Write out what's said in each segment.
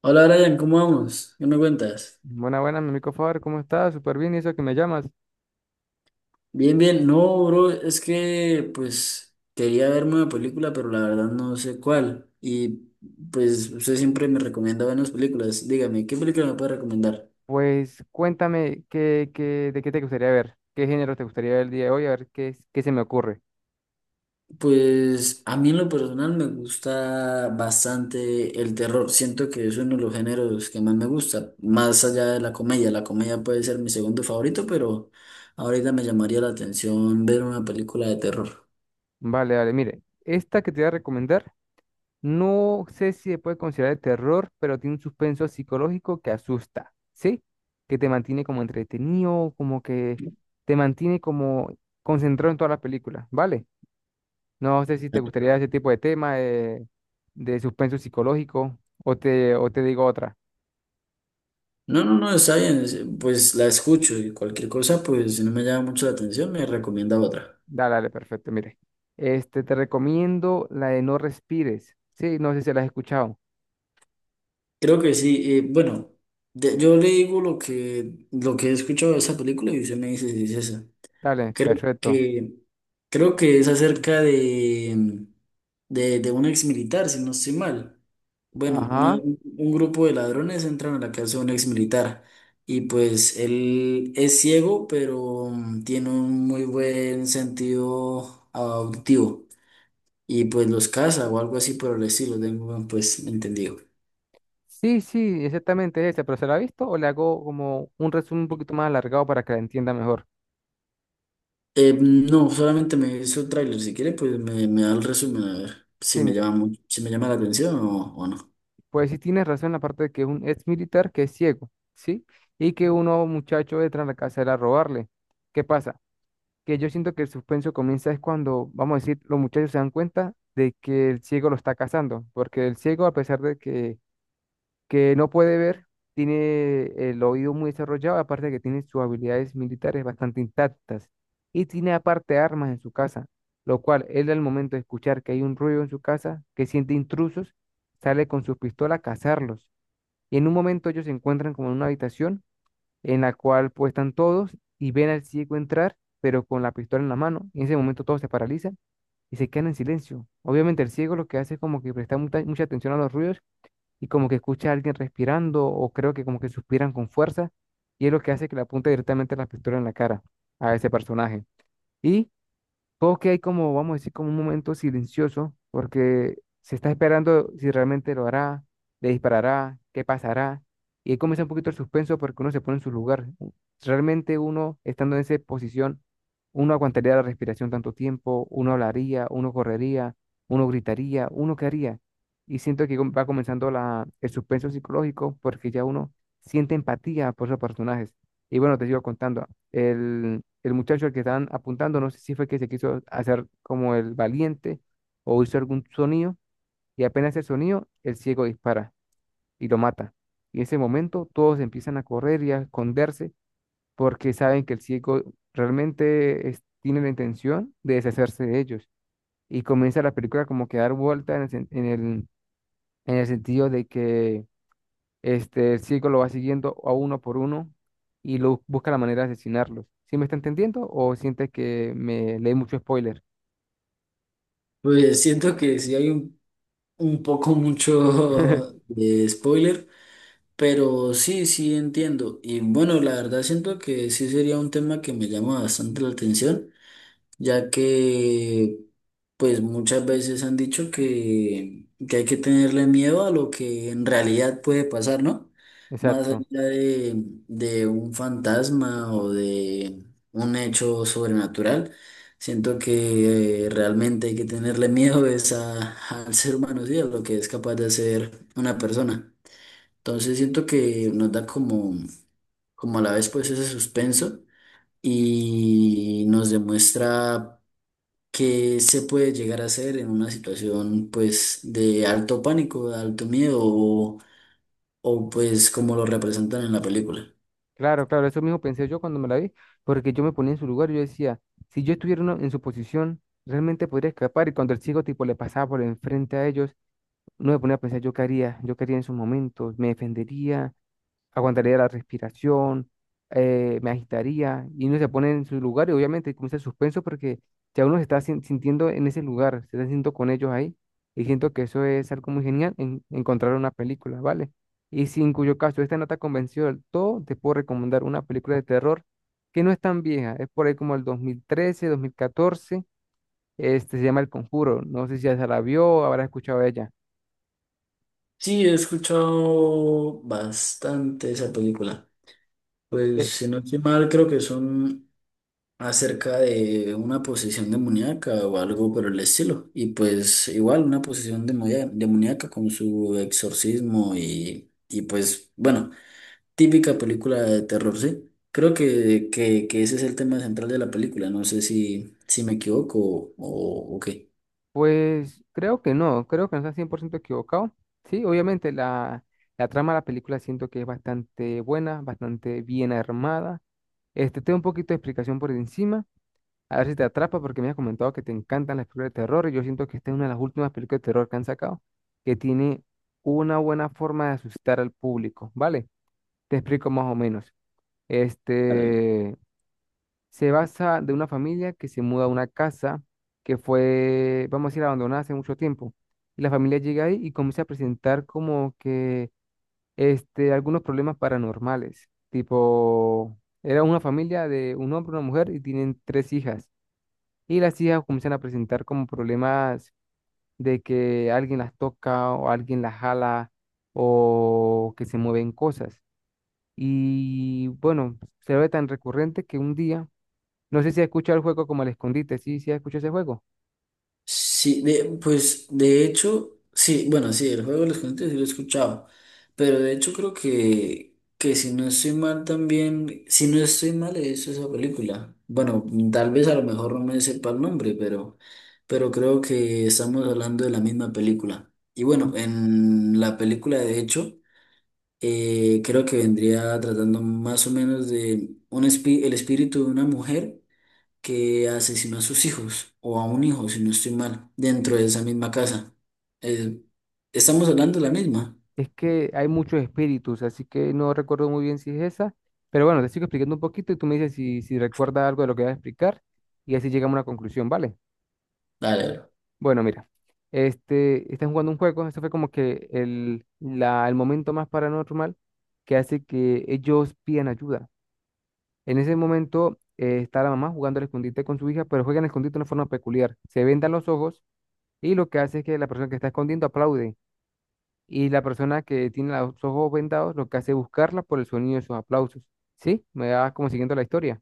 Hola Brian, ¿cómo vamos? ¿Qué me cuentas? Buena, buena, mi amigo Faber, ¿cómo estás? Súper bien, ¿y eso que me llamas? Bien, bien. No, bro, es que pues quería verme una película, pero la verdad no sé cuál. Y pues usted siempre me recomienda buenas películas. Dígame, ¿qué película me puede recomendar? Pues cuéntame de qué te gustaría ver, qué género te gustaría ver el día de hoy, a ver qué se me ocurre. Pues a mí en lo personal me gusta bastante el terror. Siento que es uno de los géneros que más me gusta, más allá de la comedia. La comedia puede ser mi segundo favorito, pero ahorita me llamaría la atención ver una película de terror. Vale, vale, mire, esta que te voy a recomendar, no sé si se puede considerar de terror, pero tiene un suspenso psicológico que asusta, ¿sí? Que te mantiene como entretenido, como que te mantiene como concentrado en toda la película, ¿vale? No sé si te gustaría ese tipo de tema de suspenso psicológico o te digo otra. No, no, no, está bien, pues la escucho y cualquier cosa, pues si no me llama mucho la atención, me recomienda otra. Dale, dale, perfecto. Mire, este, te recomiendo la de No Respires. Sí, no sé si la has escuchado. Creo que sí, bueno, yo le digo lo que he escuchado de esa película y usted me dice si es esa. Dale, Creo perfecto. que, creo que es acerca de un ex militar, si no estoy mal. Bueno, Ajá. un grupo de ladrones entran a la casa de un ex militar y pues él es ciego, pero tiene un muy buen sentido auditivo y pues los caza o algo así por el estilo, tengo pues entendido. Sí, sí, exactamente es esa, pero ¿se la ha visto o le hago como un resumen un poquito más alargado para que la entienda mejor? No, solamente me hizo el tráiler, si quiere pues me da el resumen a ver si Sí, me mire, llama, si me llama la atención o no. pues sí tienes razón en la parte de que es un ex militar que es ciego, ¿sí? Y que unos muchachos entran a la casa de él a robarle. ¿Qué pasa? Que yo siento que el suspenso comienza es cuando, vamos a decir, los muchachos se dan cuenta de que el ciego lo está cazando, porque el ciego, a pesar de que no puede ver, tiene el oído muy desarrollado, aparte de que tiene sus habilidades militares bastante intactas y tiene aparte armas en su casa, lo cual él al momento de escuchar que hay un ruido en su casa, que siente intrusos, sale con su pistola a cazarlos. Y en un momento ellos se encuentran como en una habitación en la cual pues están todos y ven al ciego entrar, pero con la pistola en la mano. Y en ese momento todos se paralizan y se quedan en silencio. Obviamente el ciego lo que hace es como que presta mucha mucha atención a los ruidos y como que escucha a alguien respirando o creo que como que suspiran con fuerza y es lo que hace que le apunte directamente la pistola en la cara a ese personaje. Y juegos que hay como, vamos a decir, como un momento silencioso, porque se está esperando si realmente lo hará, le disparará, qué pasará. Y ahí comienza un poquito el suspenso porque uno se pone en su lugar. Realmente uno, estando en esa posición, uno aguantaría la respiración tanto tiempo, uno hablaría, uno correría, uno gritaría, uno qué haría. Y siento que va comenzando la, el suspenso psicológico porque ya uno siente empatía por esos personajes. Y bueno, te sigo contando. El muchacho al que estaban apuntando, no sé si fue que se quiso hacer como el valiente o hizo algún sonido y apenas el sonido, el ciego dispara y lo mata. Y en ese momento todos empiezan a correr y a esconderse porque saben que el ciego realmente tiene la intención de deshacerse de ellos. Y comienza la película como que a dar vuelta en el, sen- en el sentido de que este, el circo lo va siguiendo a uno por uno y lo busca la manera de asesinarlos. ¿Sí me está entendiendo o sientes que me leí mucho spoiler? Pues siento que sí hay un poco mucho de spoiler, pero sí, sí entiendo. Y bueno, la verdad siento que sí sería un tema que me llama bastante la atención ya que pues muchas veces han dicho que hay que tenerle miedo a lo que en realidad puede pasar, ¿no? Más Exacto. allá de un fantasma o de un hecho sobrenatural, siento que realmente hay que tenerle miedo es al ser humano, sí, a lo que es capaz de hacer una persona. Entonces siento que nos da como, como a la vez pues ese suspenso y nos demuestra que se puede llegar a hacer en una situación pues de alto pánico, de alto miedo o, pues como lo representan en la película. Claro, claro, eso mismo pensé yo cuando me la vi, porque yo me ponía en su lugar y yo decía, si yo estuviera en su posición, realmente podría escapar. Y cuando el chico tipo le pasaba por enfrente a ellos, no me ponía a pensar yo qué haría en esos momentos, me defendería, aguantaría la respiración, me agitaría y uno se pone en su lugar y obviamente comienza el suspenso porque ya uno se está sintiendo en ese lugar, se está sintiendo con ellos ahí y siento que eso es algo muy genial en encontrar una película, ¿vale? Y si en cuyo caso esta no te ha convencido del todo, te puedo recomendar una película de terror que no es tan vieja, es por ahí como el 2013, 2014. Este se llama El Conjuro, no sé si ya se la vio, habrá escuchado de ella. Sí, he escuchado bastante esa película. Pues Eh, si no estoy mal, creo que son acerca de una posesión demoníaca o algo por el estilo. Y pues igual una posesión demoníaca con su exorcismo y pues bueno. Típica película de terror, sí. Creo que ese es el tema central de la película. No sé si, si me equivoco o qué. Pues creo que no está 100% equivocado. Sí, obviamente la trama de la película siento que es bastante buena, bastante bien armada. Este, tengo un poquito de explicación por encima, a ver si te atrapa porque me has comentado que te encantan las películas de terror y yo siento que esta es una de las últimas películas de terror que han sacado que tiene una buena forma de asustar al público, ¿vale? Te explico más o menos. Ándale. Este, se basa de una familia que se muda a una casa que fue, vamos a decir, abandonada hace mucho tiempo. Y la familia llega ahí y comienza a presentar como que este, algunos problemas paranormales. Tipo, era una familia de un hombre, una mujer y tienen tres hijas. Y las hijas comienzan a presentar como problemas de que alguien las toca o alguien las jala o que se mueven cosas. Y bueno, se ve tan recurrente que un día no sé si has escuchado el juego como el escondite, sí, sí has escuchado ese juego. Sí, pues de hecho, sí, bueno, sí, el juego de los Gigantes sí lo he escuchado. Pero de hecho creo que si no estoy mal también, si no estoy mal es esa película. Bueno, tal vez a lo mejor no me sepa el nombre, pero creo que estamos hablando de la misma película. Y bueno, en la película de hecho. Creo que vendría tratando más o menos de un el espíritu de una mujer que asesinó a sus hijos o a un hijo, si no estoy mal, dentro de esa misma casa. Eh, estamos hablando de la misma. Es que hay muchos espíritus, así que no recuerdo muy bien si es esa, pero bueno, te sigo explicando un poquito y tú me dices si recuerdas algo de lo que voy a explicar y así llegamos a una conclusión, ¿vale? Dale, bro. Bueno, mira, este, están jugando un juego, esto fue como que el momento más paranormal que hace que ellos pidan ayuda. En ese momento está la mamá jugando al escondite con su hija, pero juegan al escondite de una forma peculiar. Se vendan los ojos y lo que hace es que la persona que está escondiendo aplaude y la persona que tiene los ojos vendados lo que hace es buscarla por el sonido de sus aplausos. ¿Sí? Me va como siguiendo la historia.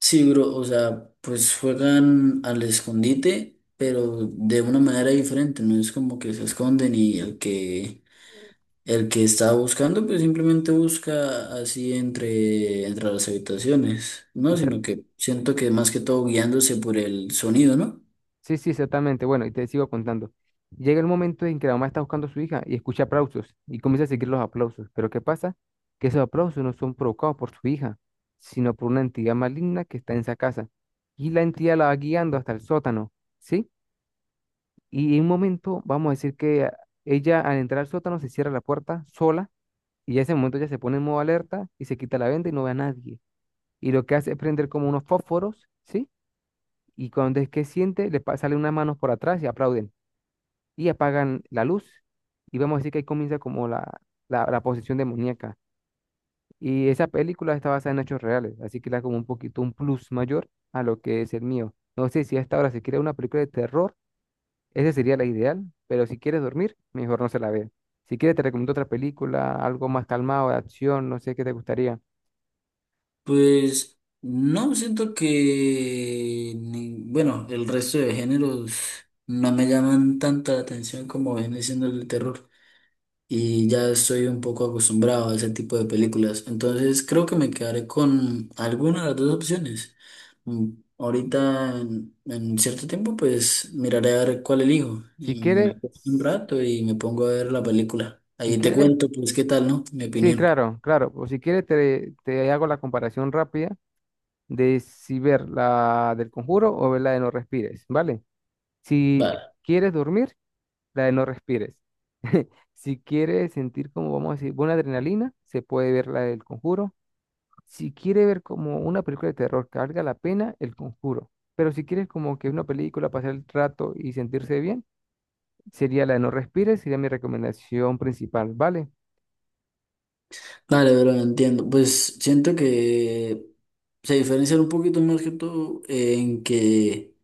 Sí, bro, o sea, pues juegan al escondite, pero de una manera diferente, no es como que se esconden y el que el que está buscando, pues simplemente busca así entre las habitaciones, ¿no? Sino Exact- que siento que más que todo guiándose por el sonido, ¿no? sí, sí, exactamente. Bueno, y te sigo contando. Llega el momento en que la mamá está buscando a su hija y escucha aplausos y comienza a seguir los aplausos. Pero ¿qué pasa? Que esos aplausos no son provocados por su hija, sino por una entidad maligna que está en esa casa. Y la entidad la va guiando hasta el sótano, ¿sí? Y en un momento, vamos a decir que ella al entrar al sótano se cierra la puerta sola. Y ya ese momento ya se pone en modo alerta y se quita la venda y no ve a nadie. Y lo que hace es prender como unos fósforos, ¿sí? Y cuando es que siente, salen unas manos por atrás y aplauden. Y apagan la luz. Y vamos a decir que ahí comienza como la posesión demoníaca. Y esa película está basada en hechos reales, así que le da como un poquito un plus mayor a lo que es el mío. No sé si hasta ahora se quiere una película de terror, esa sería la ideal, pero si quieres dormir, mejor no se la vea. Si quieres, te recomiendo otra película, algo más calmado, de acción, no sé qué te gustaría. Pues no, siento que, bueno, el resto de géneros no me llaman tanta la atención como viene siendo el de terror. Y ya estoy un poco acostumbrado a ese tipo de películas. Entonces creo que me quedaré con alguna de las dos opciones. Mm, Ahorita en cierto tiempo pues miraré a ver cuál elijo Si y me quiere, acuesto un rato y me pongo a ver la película. si Ahí te quiere, cuento pues qué tal, ¿no? Mi sí, opinión. claro, claro. O si quiere, te hago la comparación rápida de si ver la del Conjuro o ver la de No Respires, ¿vale? Si Vale. quieres dormir, la de No Respires. Si quieres sentir como, vamos a decir, buena adrenalina, se puede ver la del Conjuro. Si quiere ver como una película de terror que valga la pena, el Conjuro. Pero si quieres como que una película, pasar el rato y sentirse bien, sería la de No Respires, sería mi recomendación principal, ¿vale? Vale, pero entiendo. Pues siento que se diferencian un poquito más que todo en que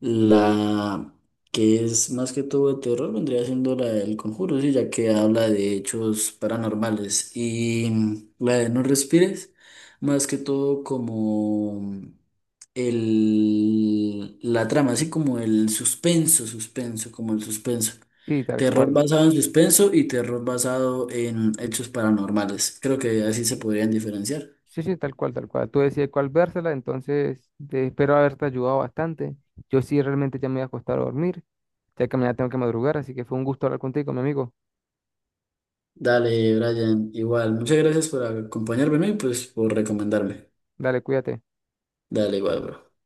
la que es más que todo de terror vendría siendo la del Conjuro, sí, ya que habla de hechos paranormales. Y la de No Respires, más que todo como el, la trama, así como el suspenso, suspenso, como el suspenso. Sí, tal Terror cual. basado en suspenso y terror basado en hechos paranormales. Creo que así se podrían diferenciar. Sí, sí, tal cual, tal cual. Tú decides cuál vérsela, entonces te espero haberte ayudado bastante. Yo sí realmente ya me voy a acostar a dormir, ya que mañana tengo que madrugar, así que fue un gusto hablar contigo, mi amigo. Dale, Brian, igual. Muchas gracias por acompañarme, ¿no?, y pues por recomendarme. Dale, cuídate. Dale, igual, bro.